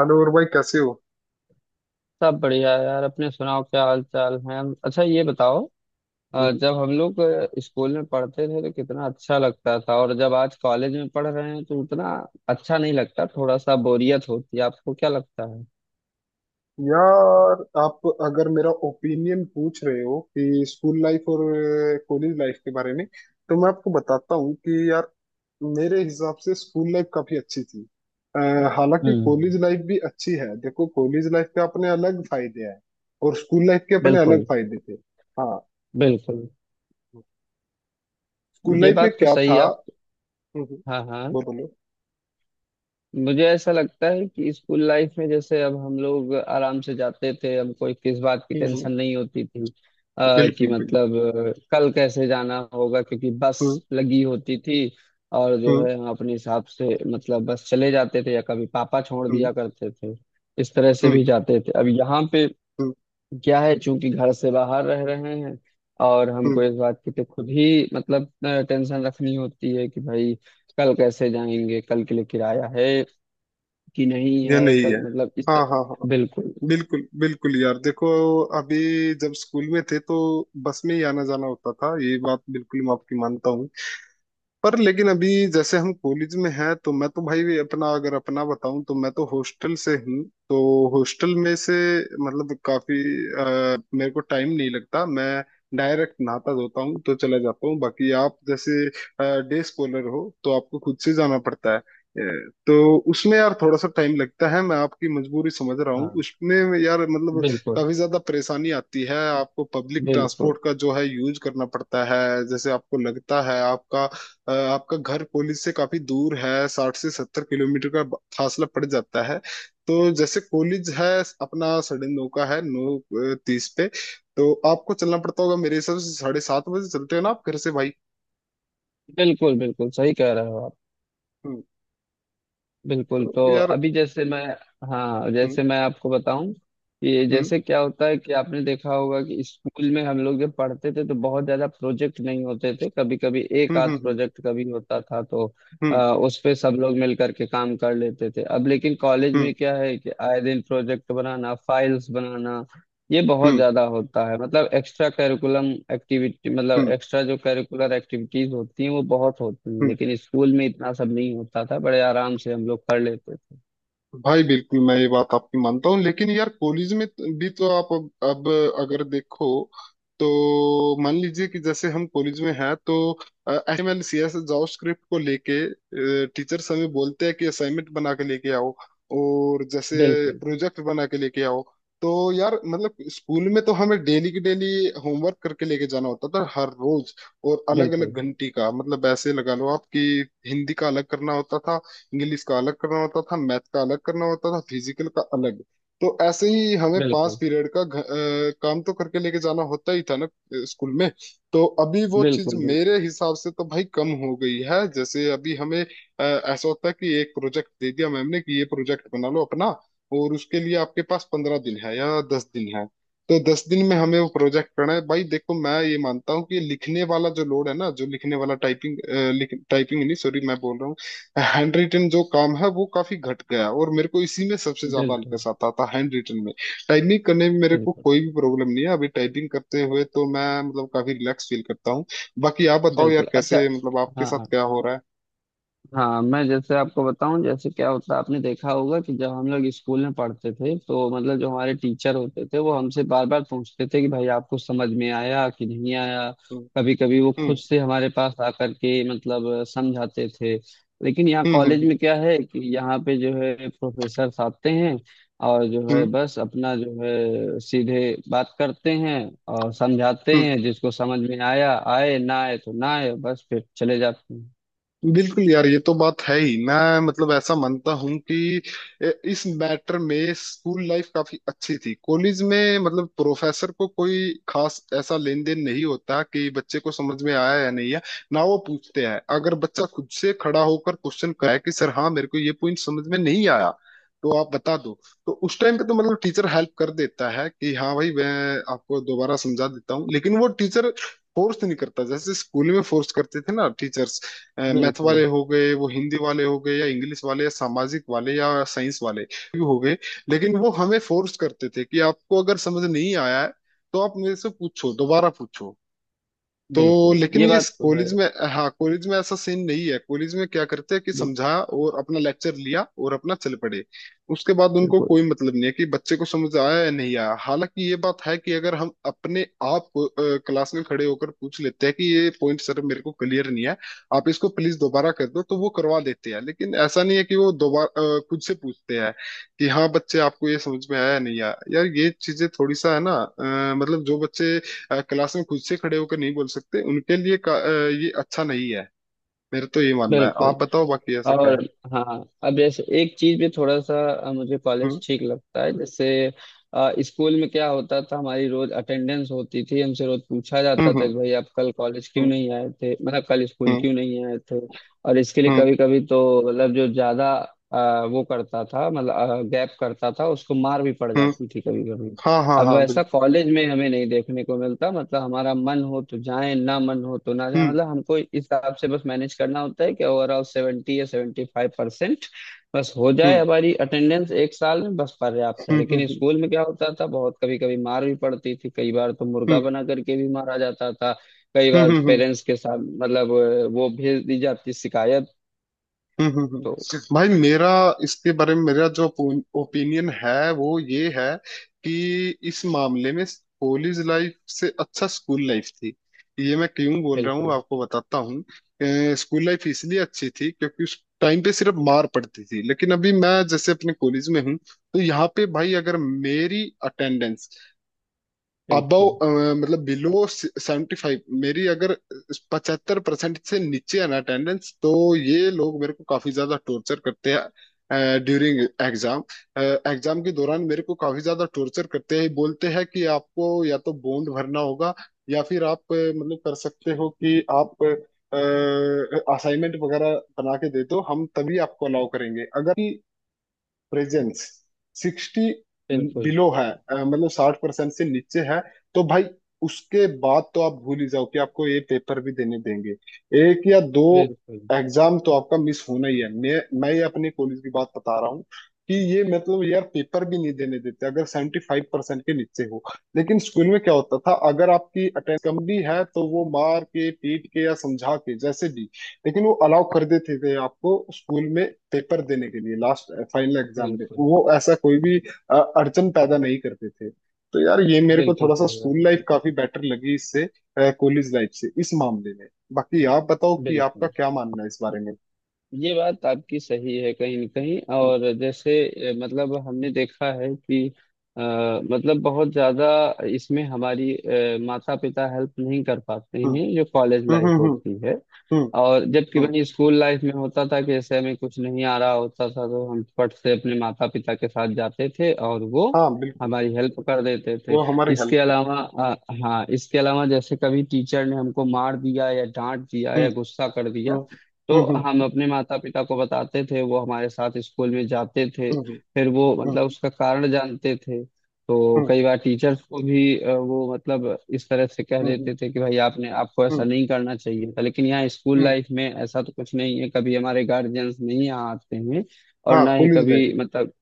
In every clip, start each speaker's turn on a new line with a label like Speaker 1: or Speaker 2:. Speaker 1: Hello और भाई कैसे हो?
Speaker 2: सब बढ़िया है यार। अपने सुनाओ, क्या हाल चाल है? अच्छा, ये बताओ।
Speaker 1: हम्म।
Speaker 2: जब हम लोग स्कूल में पढ़ते थे तो कितना अच्छा लगता था, और जब आज कॉलेज में पढ़ रहे हैं तो उतना अच्छा नहीं लगता, थोड़ा सा बोरियत होती है। आपको क्या लगता है?
Speaker 1: यार आप अगर मेरा ओपिनियन पूछ रहे हो कि स्कूल लाइफ और कॉलेज लाइफ के बारे में तो मैं आपको बताता हूँ कि यार मेरे हिसाब से स्कूल लाइफ काफी अच्छी थी। अ, हालांकि
Speaker 2: हम्म।
Speaker 1: कॉलेज लाइफ भी अच्छी है। देखो कॉलेज लाइफ के अपने अलग फायदे हैं और स्कूल लाइफ के अपने अलग
Speaker 2: बिल्कुल
Speaker 1: फायदे थे। हाँ।
Speaker 2: बिल्कुल,
Speaker 1: स्कूल
Speaker 2: ये
Speaker 1: लाइफ में
Speaker 2: बात तो
Speaker 1: क्या
Speaker 2: सही
Speaker 1: था?
Speaker 2: है आप।
Speaker 1: हम्म। हम्म।
Speaker 2: हाँ हाँ,
Speaker 1: बोलो बोलो।
Speaker 2: मुझे ऐसा लगता है कि स्कूल लाइफ में जैसे अब हम लोग आराम से जाते थे, हमको एक किस बात की
Speaker 1: हम्म। हम्म।
Speaker 2: टेंशन नहीं होती थी। कि
Speaker 1: बिल्कुल बिल्कुल।
Speaker 2: मतलब कल कैसे जाना होगा, क्योंकि बस
Speaker 1: हम्म।
Speaker 2: लगी होती थी। और जो
Speaker 1: हम्म।
Speaker 2: है, हम अपने हिसाब से मतलब बस चले जाते थे, या कभी पापा छोड़
Speaker 1: हम्म।
Speaker 2: दिया करते थे, इस तरह से
Speaker 1: हम्म।
Speaker 2: भी जाते थे। अब यहाँ पे
Speaker 1: हम्म।
Speaker 2: क्या है, चूंकि घर से बाहर रह रहे हैं, और
Speaker 1: हम्म।
Speaker 2: हमको इस बात की तो खुद ही मतलब टेंशन रखनी होती है कि भाई कल कैसे जाएंगे, कल के लिए किराया है कि नहीं
Speaker 1: ये
Speaker 2: है,
Speaker 1: नहीं
Speaker 2: कल
Speaker 1: है।
Speaker 2: मतलब इस
Speaker 1: हाँ
Speaker 2: तरह।
Speaker 1: हाँ हाँ।
Speaker 2: बिल्कुल।
Speaker 1: बिल्कुल बिल्कुल यार देखो अभी जब स्कूल में थे तो बस में ही आना जाना होता था। ये बात बिल्कुल मैं आपकी मानता हूँ पर लेकिन अभी जैसे हम कॉलेज में हैं तो मैं तो भाई अपना अगर अपना बताऊं तो मैं तो हॉस्टल से हूँ। तो हॉस्टल में से मतलब काफी मेरे को टाइम नहीं लगता। मैं डायरेक्ट नहाता धोता हूँ तो चला जाता हूँ। बाकी आप जैसे डे स्कॉलर हो तो आपको खुद से जाना पड़ता है। तो उसमें यार थोड़ा सा टाइम लगता है। मैं आपकी मजबूरी समझ रहा हूँ
Speaker 2: हाँ
Speaker 1: उसमें यार मतलब
Speaker 2: बिल्कुल।
Speaker 1: काफी ज्यादा परेशानी आती है। आपको पब्लिक
Speaker 2: बिल्कुल
Speaker 1: ट्रांसपोर्ट का जो है यूज करना पड़ता है। जैसे आपको लगता है आपका आपका घर पुलिस से काफी दूर है। 60 से 70 किलोमीटर का फासला पड़ जाता है। तो जैसे कॉलेज है अपना 9:30 का है। नौ तीस पे तो आपको चलना पड़ता होगा। मेरे हिसाब से 7:30 बजे चलते हो ना आप घर से भाई?
Speaker 2: बिल्कुल बिल्कुल सही कह रहे हो आप।
Speaker 1: हम्म।
Speaker 2: बिल्कुल,
Speaker 1: तो
Speaker 2: तो
Speaker 1: यार
Speaker 2: अभी जैसे मैं। हाँ,
Speaker 1: हम्म।
Speaker 2: जैसे मैं आपको बताऊं कि
Speaker 1: हम्म।
Speaker 2: जैसे क्या होता है कि आपने देखा होगा कि स्कूल में हम लोग जब पढ़ते थे तो बहुत ज्यादा प्रोजेक्ट नहीं होते थे, कभी कभी एक
Speaker 1: हम्म।
Speaker 2: आध
Speaker 1: हम्म।
Speaker 2: प्रोजेक्ट कभी होता था, तो
Speaker 1: हम्म।
Speaker 2: उस पे सब लोग मिल करके काम कर लेते थे। अब लेकिन कॉलेज
Speaker 1: हम्म।
Speaker 2: में क्या है कि आए दिन प्रोजेक्ट बनाना, फाइल्स बनाना, ये बहुत
Speaker 1: हम्म।
Speaker 2: ज्यादा होता है। मतलब एक्स्ट्रा करिकुलम एक्टिविटी, मतलब
Speaker 1: हम्म।
Speaker 2: एक्स्ट्रा जो करिकुलर एक्टिविटीज होती हैं वो बहुत होती हैं,
Speaker 1: हम्म।
Speaker 2: लेकिन स्कूल में इतना सब नहीं होता था, बड़े आराम से हम लोग कर लेते थे।
Speaker 1: भाई बिल्कुल मैं ये बात आपकी मानता हूँ लेकिन यार कॉलेज में भी तो आप अब अगर देखो तो मान लीजिए कि जैसे हम कॉलेज में हैं तो HML CS जावास्क्रिप्ट को लेके टीचर्स हमें बोलते हैं कि असाइनमेंट बना के लेके आओ और जैसे
Speaker 2: बिल्कुल
Speaker 1: प्रोजेक्ट बना के लेके आओ। तो यार मतलब स्कूल में तो हमें डेली की डेली होमवर्क करके लेके जाना होता था हर रोज। और अलग
Speaker 2: बिल्कुल
Speaker 1: अलग घंटी का मतलब ऐसे लगा लो आप कि हिंदी का अलग करना होता था, इंग्लिश का अलग करना होता था, मैथ का अलग करना होता था, फिजिकल का अलग। तो ऐसे ही हमें पांच
Speaker 2: बिल्कुल।
Speaker 1: पीरियड का काम तो करके लेके जाना होता ही था ना स्कूल में। तो अभी वो चीज
Speaker 2: बिल्कुल। बिल्कुल
Speaker 1: मेरे हिसाब से तो भाई कम हो गई है। जैसे अभी हमें ऐसा होता है कि एक प्रोजेक्ट दे दिया मैम ने कि ये प्रोजेक्ट बना लो अपना और उसके लिए आपके पास 15 दिन है या 10 दिन है। तो 10 दिन में हमें वो प्रोजेक्ट करना है। भाई देखो मैं ये मानता हूँ कि लिखने वाला जो लोड है ना जो लिखने वाला टाइपिंग टाइपिंग नहीं, सॉरी मैं बोल रहा हूँ हैंड रिटन जो काम है वो काफी घट गया है। और मेरे को इसी में सबसे ज्यादा
Speaker 2: बिल्कुल।
Speaker 1: अलकस आता था हैंड रिटन में। टाइपिंग करने में मेरे को
Speaker 2: बिल्कुल
Speaker 1: कोई भी प्रॉब्लम नहीं है। अभी टाइपिंग करते हुए तो मैं मतलब काफी रिलैक्स फील करता हूँ। बाकी आप बताओ
Speaker 2: बिल्कुल
Speaker 1: यार
Speaker 2: अच्छा।
Speaker 1: कैसे मतलब आपके
Speaker 2: हाँ
Speaker 1: साथ
Speaker 2: हाँ।
Speaker 1: क्या हो रहा है?
Speaker 2: हाँ, मैं जैसे आपको बताऊं जैसे क्या होता है, आपने देखा होगा कि जब हम लोग स्कूल में पढ़ते थे तो मतलब जो हमारे टीचर होते थे वो हमसे बार बार पूछते थे कि भाई आपको समझ में आया कि नहीं आया।
Speaker 1: हम्म।
Speaker 2: कभी कभी वो खुद
Speaker 1: हम्म।
Speaker 2: से हमारे पास आकर के मतलब समझाते थे। लेकिन यहाँ
Speaker 1: हम्म।
Speaker 2: कॉलेज
Speaker 1: हम्म।
Speaker 2: में क्या है कि यहाँ पे जो है प्रोफेसर आते हैं, और जो है
Speaker 1: हम्म।
Speaker 2: बस अपना जो है सीधे बात करते हैं और समझाते
Speaker 1: हम्म।
Speaker 2: हैं, जिसको समझ में आया आए, ना आए तो ना आए, बस फिर चले जाते हैं।
Speaker 1: बिल्कुल यार ये तो बात है ही। मैं मतलब ऐसा मानता हूँ कि इस मैटर में स्कूल लाइफ काफी अच्छी थी। कॉलेज में मतलब प्रोफेसर को कोई खास ऐसा लेन देन नहीं होता कि बच्चे को समझ में आया या नहीं है। ना वो पूछते हैं। अगर बच्चा खुद से खड़ा होकर क्वेश्चन कराए कि सर हाँ मेरे को ये पॉइंट समझ में नहीं आया तो आप बता दो, तो उस टाइम पे तो मतलब टीचर हेल्प कर देता है कि हाँ भाई मैं आपको दोबारा समझा देता हूँ। लेकिन वो टीचर फोर्स नहीं करता जैसे स्कूल में फोर्स करते थे ना टीचर्स। मैथ
Speaker 2: बिल्कुल।
Speaker 1: वाले हो गए, वो हिंदी वाले हो गए या इंग्लिश वाले या सामाजिक वाले या साइंस वाले भी हो गए। लेकिन वो हमें फोर्स करते थे कि आपको अगर समझ नहीं आया है तो आप मेरे से पूछो दोबारा पूछो तो।
Speaker 2: बिल्कुल,
Speaker 1: लेकिन
Speaker 2: ये
Speaker 1: ये
Speaker 2: बात तो है।
Speaker 1: कॉलेज में, हाँ कॉलेज में ऐसा सीन नहीं है। कॉलेज में क्या करते हैं कि
Speaker 2: बिल-
Speaker 1: समझा और अपना लेक्चर लिया और अपना चल पड़े। उसके बाद उनको
Speaker 2: बिल्कुल
Speaker 1: कोई मतलब नहीं है कि बच्चे को समझ आया या नहीं आया। हालांकि ये बात है कि अगर हम अपने आप को क्लास में खड़े होकर पूछ लेते हैं कि ये पॉइंट सर मेरे को क्लियर नहीं है, आप इसको प्लीज दोबारा कर दो, तो वो करवा देते हैं। लेकिन ऐसा नहीं है कि वो दोबारा खुद से पूछते हैं कि हाँ बच्चे आपको ये समझ में आया या नहीं आया। यार ये चीजें थोड़ी सा है ना मतलब जो बच्चे क्लास में खुद से खड़े होकर नहीं बोल सकते उनके लिए ये अच्छा नहीं है। मेरा तो ये मानना है। आप
Speaker 2: बिल्कुल।
Speaker 1: बताओ बाकी ऐसा क्या
Speaker 2: और
Speaker 1: है।
Speaker 2: हाँ, अब जैसे एक चीज भी थोड़ा सा मुझे कॉलेज
Speaker 1: हम्म।
Speaker 2: ठीक लगता है। जैसे स्कूल में क्या होता था, हमारी रोज अटेंडेंस होती थी, हमसे रोज पूछा जाता था
Speaker 1: हम्म।
Speaker 2: कि भाई आप कल कॉलेज क्यों
Speaker 1: हम्म।
Speaker 2: नहीं आए थे, मतलब कल स्कूल
Speaker 1: हम्म।
Speaker 2: क्यों नहीं आए थे। और इसके लिए
Speaker 1: हम्म। हम्म।
Speaker 2: कभी कभी तो मतलब जो ज्यादा वो करता था, मतलब गैप करता था, उसको मार भी पड़
Speaker 1: हम्म।
Speaker 2: जाती थी कभी।
Speaker 1: हाँ हाँ
Speaker 2: अब
Speaker 1: हाँ
Speaker 2: वैसा
Speaker 1: बिल्कुल।
Speaker 2: कॉलेज में हमें नहीं देखने को मिलता, मतलब हमारा मन हो तो जाए, ना मन हो तो ना जाए।
Speaker 1: हम्म।
Speaker 2: मतलब हमको इस हिसाब से बस मैनेज करना होता है कि ओवरऑल 70 या 75% बस हो जाए
Speaker 1: हम्म।
Speaker 2: हमारी अटेंडेंस एक साल में, बस पर्याप्त है।
Speaker 1: हम्म।
Speaker 2: लेकिन
Speaker 1: हम्म।
Speaker 2: स्कूल में क्या होता था, बहुत कभी कभी मार भी पड़ती थी, कई बार तो मुर्गा
Speaker 1: हम्म।
Speaker 2: बना करके भी मारा जाता था। कई
Speaker 1: हम्म।
Speaker 2: बार
Speaker 1: हम्म। हम्म।
Speaker 2: पेरेंट्स के साथ मतलब वो भेज दी जाती शिकायत।
Speaker 1: हम्म। हम्म।
Speaker 2: तो
Speaker 1: हम्म। भाई मेरा इसके बारे में मेरा जो ओपिनियन है वो ये है कि इस मामले में कॉलेज लाइफ से अच्छा स्कूल लाइफ थी। ये मैं क्यों बोल रहा हूँ
Speaker 2: बिल्कुल।
Speaker 1: आपको बताता हूँ। स्कूल लाइफ इसलिए अच्छी थी क्योंकि उस टाइम पे सिर्फ मार पड़ती थी। लेकिन अभी मैं जैसे अपने कॉलेज में हूँ तो यहाँ पे भाई अगर मेरी अटेंडेंस अबव,
Speaker 2: बिल्कुल
Speaker 1: मतलब बिलो 75, मेरी अगर 75% से नीचे है ना अटेंडेंस तो ये लोग मेरे को काफी ज्यादा टॉर्चर करते हैं ड्यूरिंग एग्जाम। एग्जाम के दौरान मेरे को काफी ज्यादा टॉर्चर करते हैं। बोलते हैं कि आपको या तो बॉन्ड भरना होगा या फिर आप मतलब कर सकते हो कि आप असाइनमेंट वगैरह बना के दे दो। हम तभी आपको अलाउ करेंगे अगर प्रेजेंस 60
Speaker 2: बिल्कुल।
Speaker 1: बिलो है, मतलब 60% से नीचे है तो भाई उसके बाद तो आप भूल ही जाओ कि आपको ये पेपर भी देने देंगे। एक या दो
Speaker 2: बिल्कुल
Speaker 1: एग्जाम तो आपका मिस होना ही है। मैं ये अपने कॉलेज की बात बता रहा हूँ कि ये मतलब यार पेपर भी नहीं देने देते अगर 75% के नीचे हो। लेकिन स्कूल में क्या होता था, अगर आपकी अटेंडेंस कम भी है तो वो मार के पीट के या समझा के जैसे भी, लेकिन वो अलाउ कर देते थे आपको स्कूल में पेपर देने के लिए। लास्ट फाइनल एग्जाम में
Speaker 2: बिल्कुल।
Speaker 1: वो ऐसा कोई भी अड़चन पैदा नहीं करते थे। तो यार ये मेरे को
Speaker 2: बिल्कुल
Speaker 1: थोड़ा सा
Speaker 2: सही बात
Speaker 1: स्कूल
Speaker 2: है।
Speaker 1: लाइफ काफी बेटर लगी इससे कॉलेज लाइफ से इस मामले में। बाकी आप बताओ कि आपका
Speaker 2: बिल्कुल,
Speaker 1: क्या मानना है इस बारे में।
Speaker 2: ये बात आपकी सही है कहीं न कहीं,
Speaker 1: हम्म।
Speaker 2: और जैसे मतलब हमने देखा है कि अ, मतलब बहुत ज्यादा इसमें हमारी माता पिता हेल्प नहीं कर पाते हैं जो कॉलेज
Speaker 1: हम्म।
Speaker 2: लाइफ
Speaker 1: हम्म। हम्म।
Speaker 2: होती है।
Speaker 1: हम्म। हम्म।
Speaker 2: और जबकि
Speaker 1: हम्म।
Speaker 2: वही स्कूल लाइफ में होता था कि जैसे हमें कुछ नहीं आ रहा होता था तो हम फट से अपने माता पिता के साथ जाते थे और वो
Speaker 1: हाँ बिल्कुल।
Speaker 2: हमारी हेल्प कर देते थे।
Speaker 1: वो हमारी
Speaker 2: इसके
Speaker 1: हेल्प करते।
Speaker 2: अलावा हाँ, इसके अलावा जैसे कभी टीचर ने हमको मार दिया या डांट दिया
Speaker 1: हम्म।
Speaker 2: या गुस्सा कर दिया,
Speaker 1: हम्म।
Speaker 2: तो
Speaker 1: हम्म। हम्म।
Speaker 2: हम अपने माता पिता को बताते थे, वो हमारे साथ स्कूल में जाते थे,
Speaker 1: हम्म।
Speaker 2: फिर वो
Speaker 1: हम्म।
Speaker 2: मतलब उसका कारण जानते थे। तो
Speaker 1: हम्म।
Speaker 2: कई बार टीचर्स को भी वो मतलब इस तरह से कह
Speaker 1: हम्म।
Speaker 2: देते थे कि भाई आपने आपको ऐसा
Speaker 1: हम्म।
Speaker 2: नहीं करना चाहिए था। लेकिन यहाँ स्कूल
Speaker 1: हम्म।
Speaker 2: लाइफ में ऐसा तो कुछ नहीं है, कभी हमारे गार्जियंस नहीं यहाँ आते हैं, और
Speaker 1: हाँ
Speaker 2: ना ही
Speaker 1: कॉलेज लाइफ
Speaker 2: कभी
Speaker 1: में।
Speaker 2: मतलब।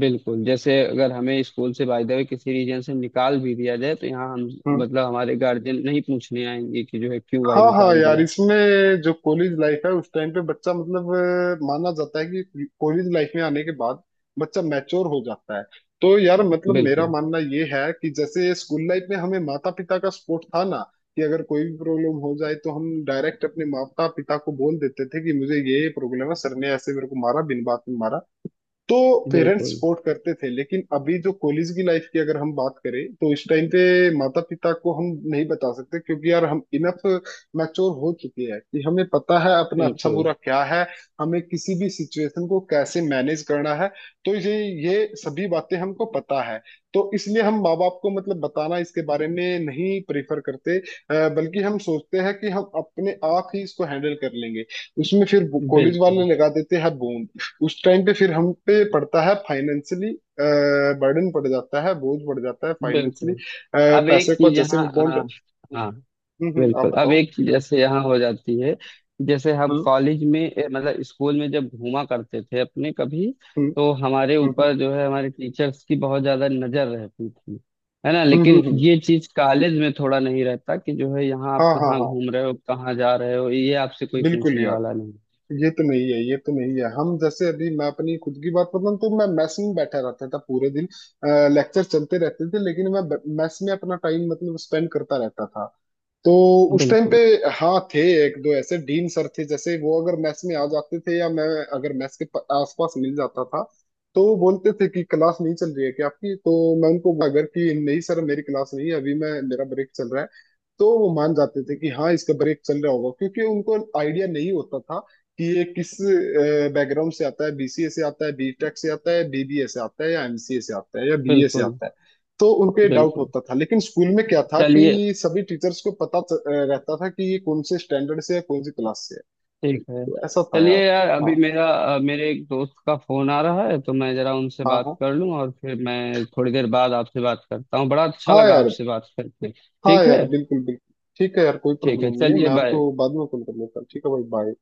Speaker 2: बिल्कुल, जैसे अगर हमें स्कूल से बाय द वे किसी रीजन से निकाल भी दिया जाए तो यहाँ हम
Speaker 1: हम्म।
Speaker 2: मतलब हमारे गार्जियन नहीं पूछने आएंगे कि जो है क्यों भाई
Speaker 1: हाँ हाँ
Speaker 2: निकाल
Speaker 1: यार
Speaker 2: दिया।
Speaker 1: इसमें जो कॉलेज लाइफ है उस टाइम पे बच्चा मतलब माना जाता है कि कॉलेज लाइफ में आने के बाद बच्चा मैच्योर हो जाता है। तो यार मतलब मेरा
Speaker 2: बिल्कुल।
Speaker 1: मानना ये है कि जैसे स्कूल लाइफ में हमें माता पिता का सपोर्ट था ना कि अगर कोई भी प्रॉब्लम हो जाए तो हम डायरेक्ट अपने माता पिता को बोल देते थे कि मुझे ये प्रॉब्लम है सर ने ऐसे मेरे को मारा बिन बात में मारा, तो पेरेंट्स
Speaker 2: बिल्कुल
Speaker 1: सपोर्ट करते थे। लेकिन अभी जो कॉलेज की लाइफ की अगर हम बात करें तो इस टाइम पे माता पिता को हम नहीं बता सकते क्योंकि यार हम इनफ मैच्योर हो चुके हैं कि हमें पता है अपना अच्छा
Speaker 2: बिल्कुल।
Speaker 1: बुरा क्या है। हमें किसी भी सिचुएशन को कैसे मैनेज करना है। तो ये सभी बातें हमको पता है। तो इसलिए हम माँ बाप को मतलब बताना इसके बारे में नहीं प्रेफर करते, बल्कि हम सोचते हैं कि हम अपने आप ही इसको हैंडल कर लेंगे। उसमें फिर कॉलेज
Speaker 2: बिल्कुल
Speaker 1: वाले लगा देते हैं बोम। उस टाइम पे फिर हम पे पड़ता है फाइनेंशियली, बर्डन पड़ जाता है बोझ पड़ जाता है फाइनेंशियली,
Speaker 2: बिल्कुल। अब एक
Speaker 1: पैसे को
Speaker 2: चीज
Speaker 1: जैसे
Speaker 2: यहाँ
Speaker 1: वो बॉन्ड।
Speaker 2: हाँ
Speaker 1: हम्म। हम्म। आप
Speaker 2: बिल्कुल, अब
Speaker 1: बताओ।
Speaker 2: एक चीज जैसे यहाँ हो जाती है, जैसे हम
Speaker 1: हम्म।
Speaker 2: कॉलेज में मतलब स्कूल में जब घूमा करते थे अपने कभी,
Speaker 1: हम्म।
Speaker 2: तो हमारे
Speaker 1: हम्म।
Speaker 2: ऊपर जो है हमारे टीचर्स की बहुत ज्यादा नजर रहती थी, है ना।
Speaker 1: हम्म। हम्म।
Speaker 2: लेकिन
Speaker 1: हम्म।
Speaker 2: ये चीज कॉलेज में थोड़ा नहीं रहता कि जो है यहाँ आप
Speaker 1: हाँ हाँ
Speaker 2: कहाँ
Speaker 1: हाँ।
Speaker 2: घूम रहे हो कहाँ जा रहे हो, ये आपसे कोई
Speaker 1: बिल्कुल
Speaker 2: पूछने
Speaker 1: यार
Speaker 2: वाला नहीं।
Speaker 1: ये तो नहीं है ये तो नहीं है। हम जैसे अभी मैं अपनी खुद की बात बताऊं तो मैं मेस में बैठा रहता था पूरे दिन। लेक्चर चलते रहते थे लेकिन मैं मेस में अपना टाइम मतलब स्पेंड करता रहता था। तो उस टाइम पे
Speaker 2: बिल्कुल।
Speaker 1: हाँ थे, एक दो ऐसे डीन सर थे जैसे वो अगर मैस में आ जाते थे या मैं अगर मैस के आसपास मिल जाता था तो वो बोलते थे कि क्लास नहीं चल रही है क्या आपकी? तो मैं उनको अगर कि नहीं सर मेरी क्लास नहीं है अभी मैं, मेरा ब्रेक चल रहा है, तो वो मान जाते थे कि हाँ इसका ब्रेक चल रहा होगा क्योंकि उनको आइडिया नहीं होता था कि ये किस बैकग्राउंड से आता है, BCA से आता है, B.Tech से आता है, BBA से आता है या MCA से आता है या BA से
Speaker 2: बिल्कुल
Speaker 1: आता है। तो उनको ये डाउट
Speaker 2: बिल्कुल।
Speaker 1: होता था। लेकिन स्कूल में क्या था
Speaker 2: चलिए,
Speaker 1: कि सभी टीचर्स को पता रहता था कि ये कौन से स्टैंडर्ड से है, कौन सी क्लास से है।
Speaker 2: ठीक है।
Speaker 1: तो ऐसा था यार।
Speaker 2: चलिए यार, अभी
Speaker 1: हाँ
Speaker 2: मेरा मेरे एक दोस्त का फोन आ रहा है तो मैं जरा उनसे
Speaker 1: हाँ
Speaker 2: बात
Speaker 1: हाँ।
Speaker 2: कर लूं और फिर मैं थोड़ी देर बाद आपसे बात करता हूँ। बड़ा अच्छा
Speaker 1: हाँ
Speaker 2: लगा
Speaker 1: यार।
Speaker 2: आपसे बात करके,
Speaker 1: हाँ
Speaker 2: ठीक
Speaker 1: यार
Speaker 2: है?
Speaker 1: बिल्कुल बिल्कुल। ठीक है यार कोई
Speaker 2: ठीक है,
Speaker 1: प्रॉब्लम नहीं है।
Speaker 2: चलिए
Speaker 1: मैं
Speaker 2: बाय।
Speaker 1: आपको बाद में कॉल कर लेता हूँ। ठीक है भाई, बाय।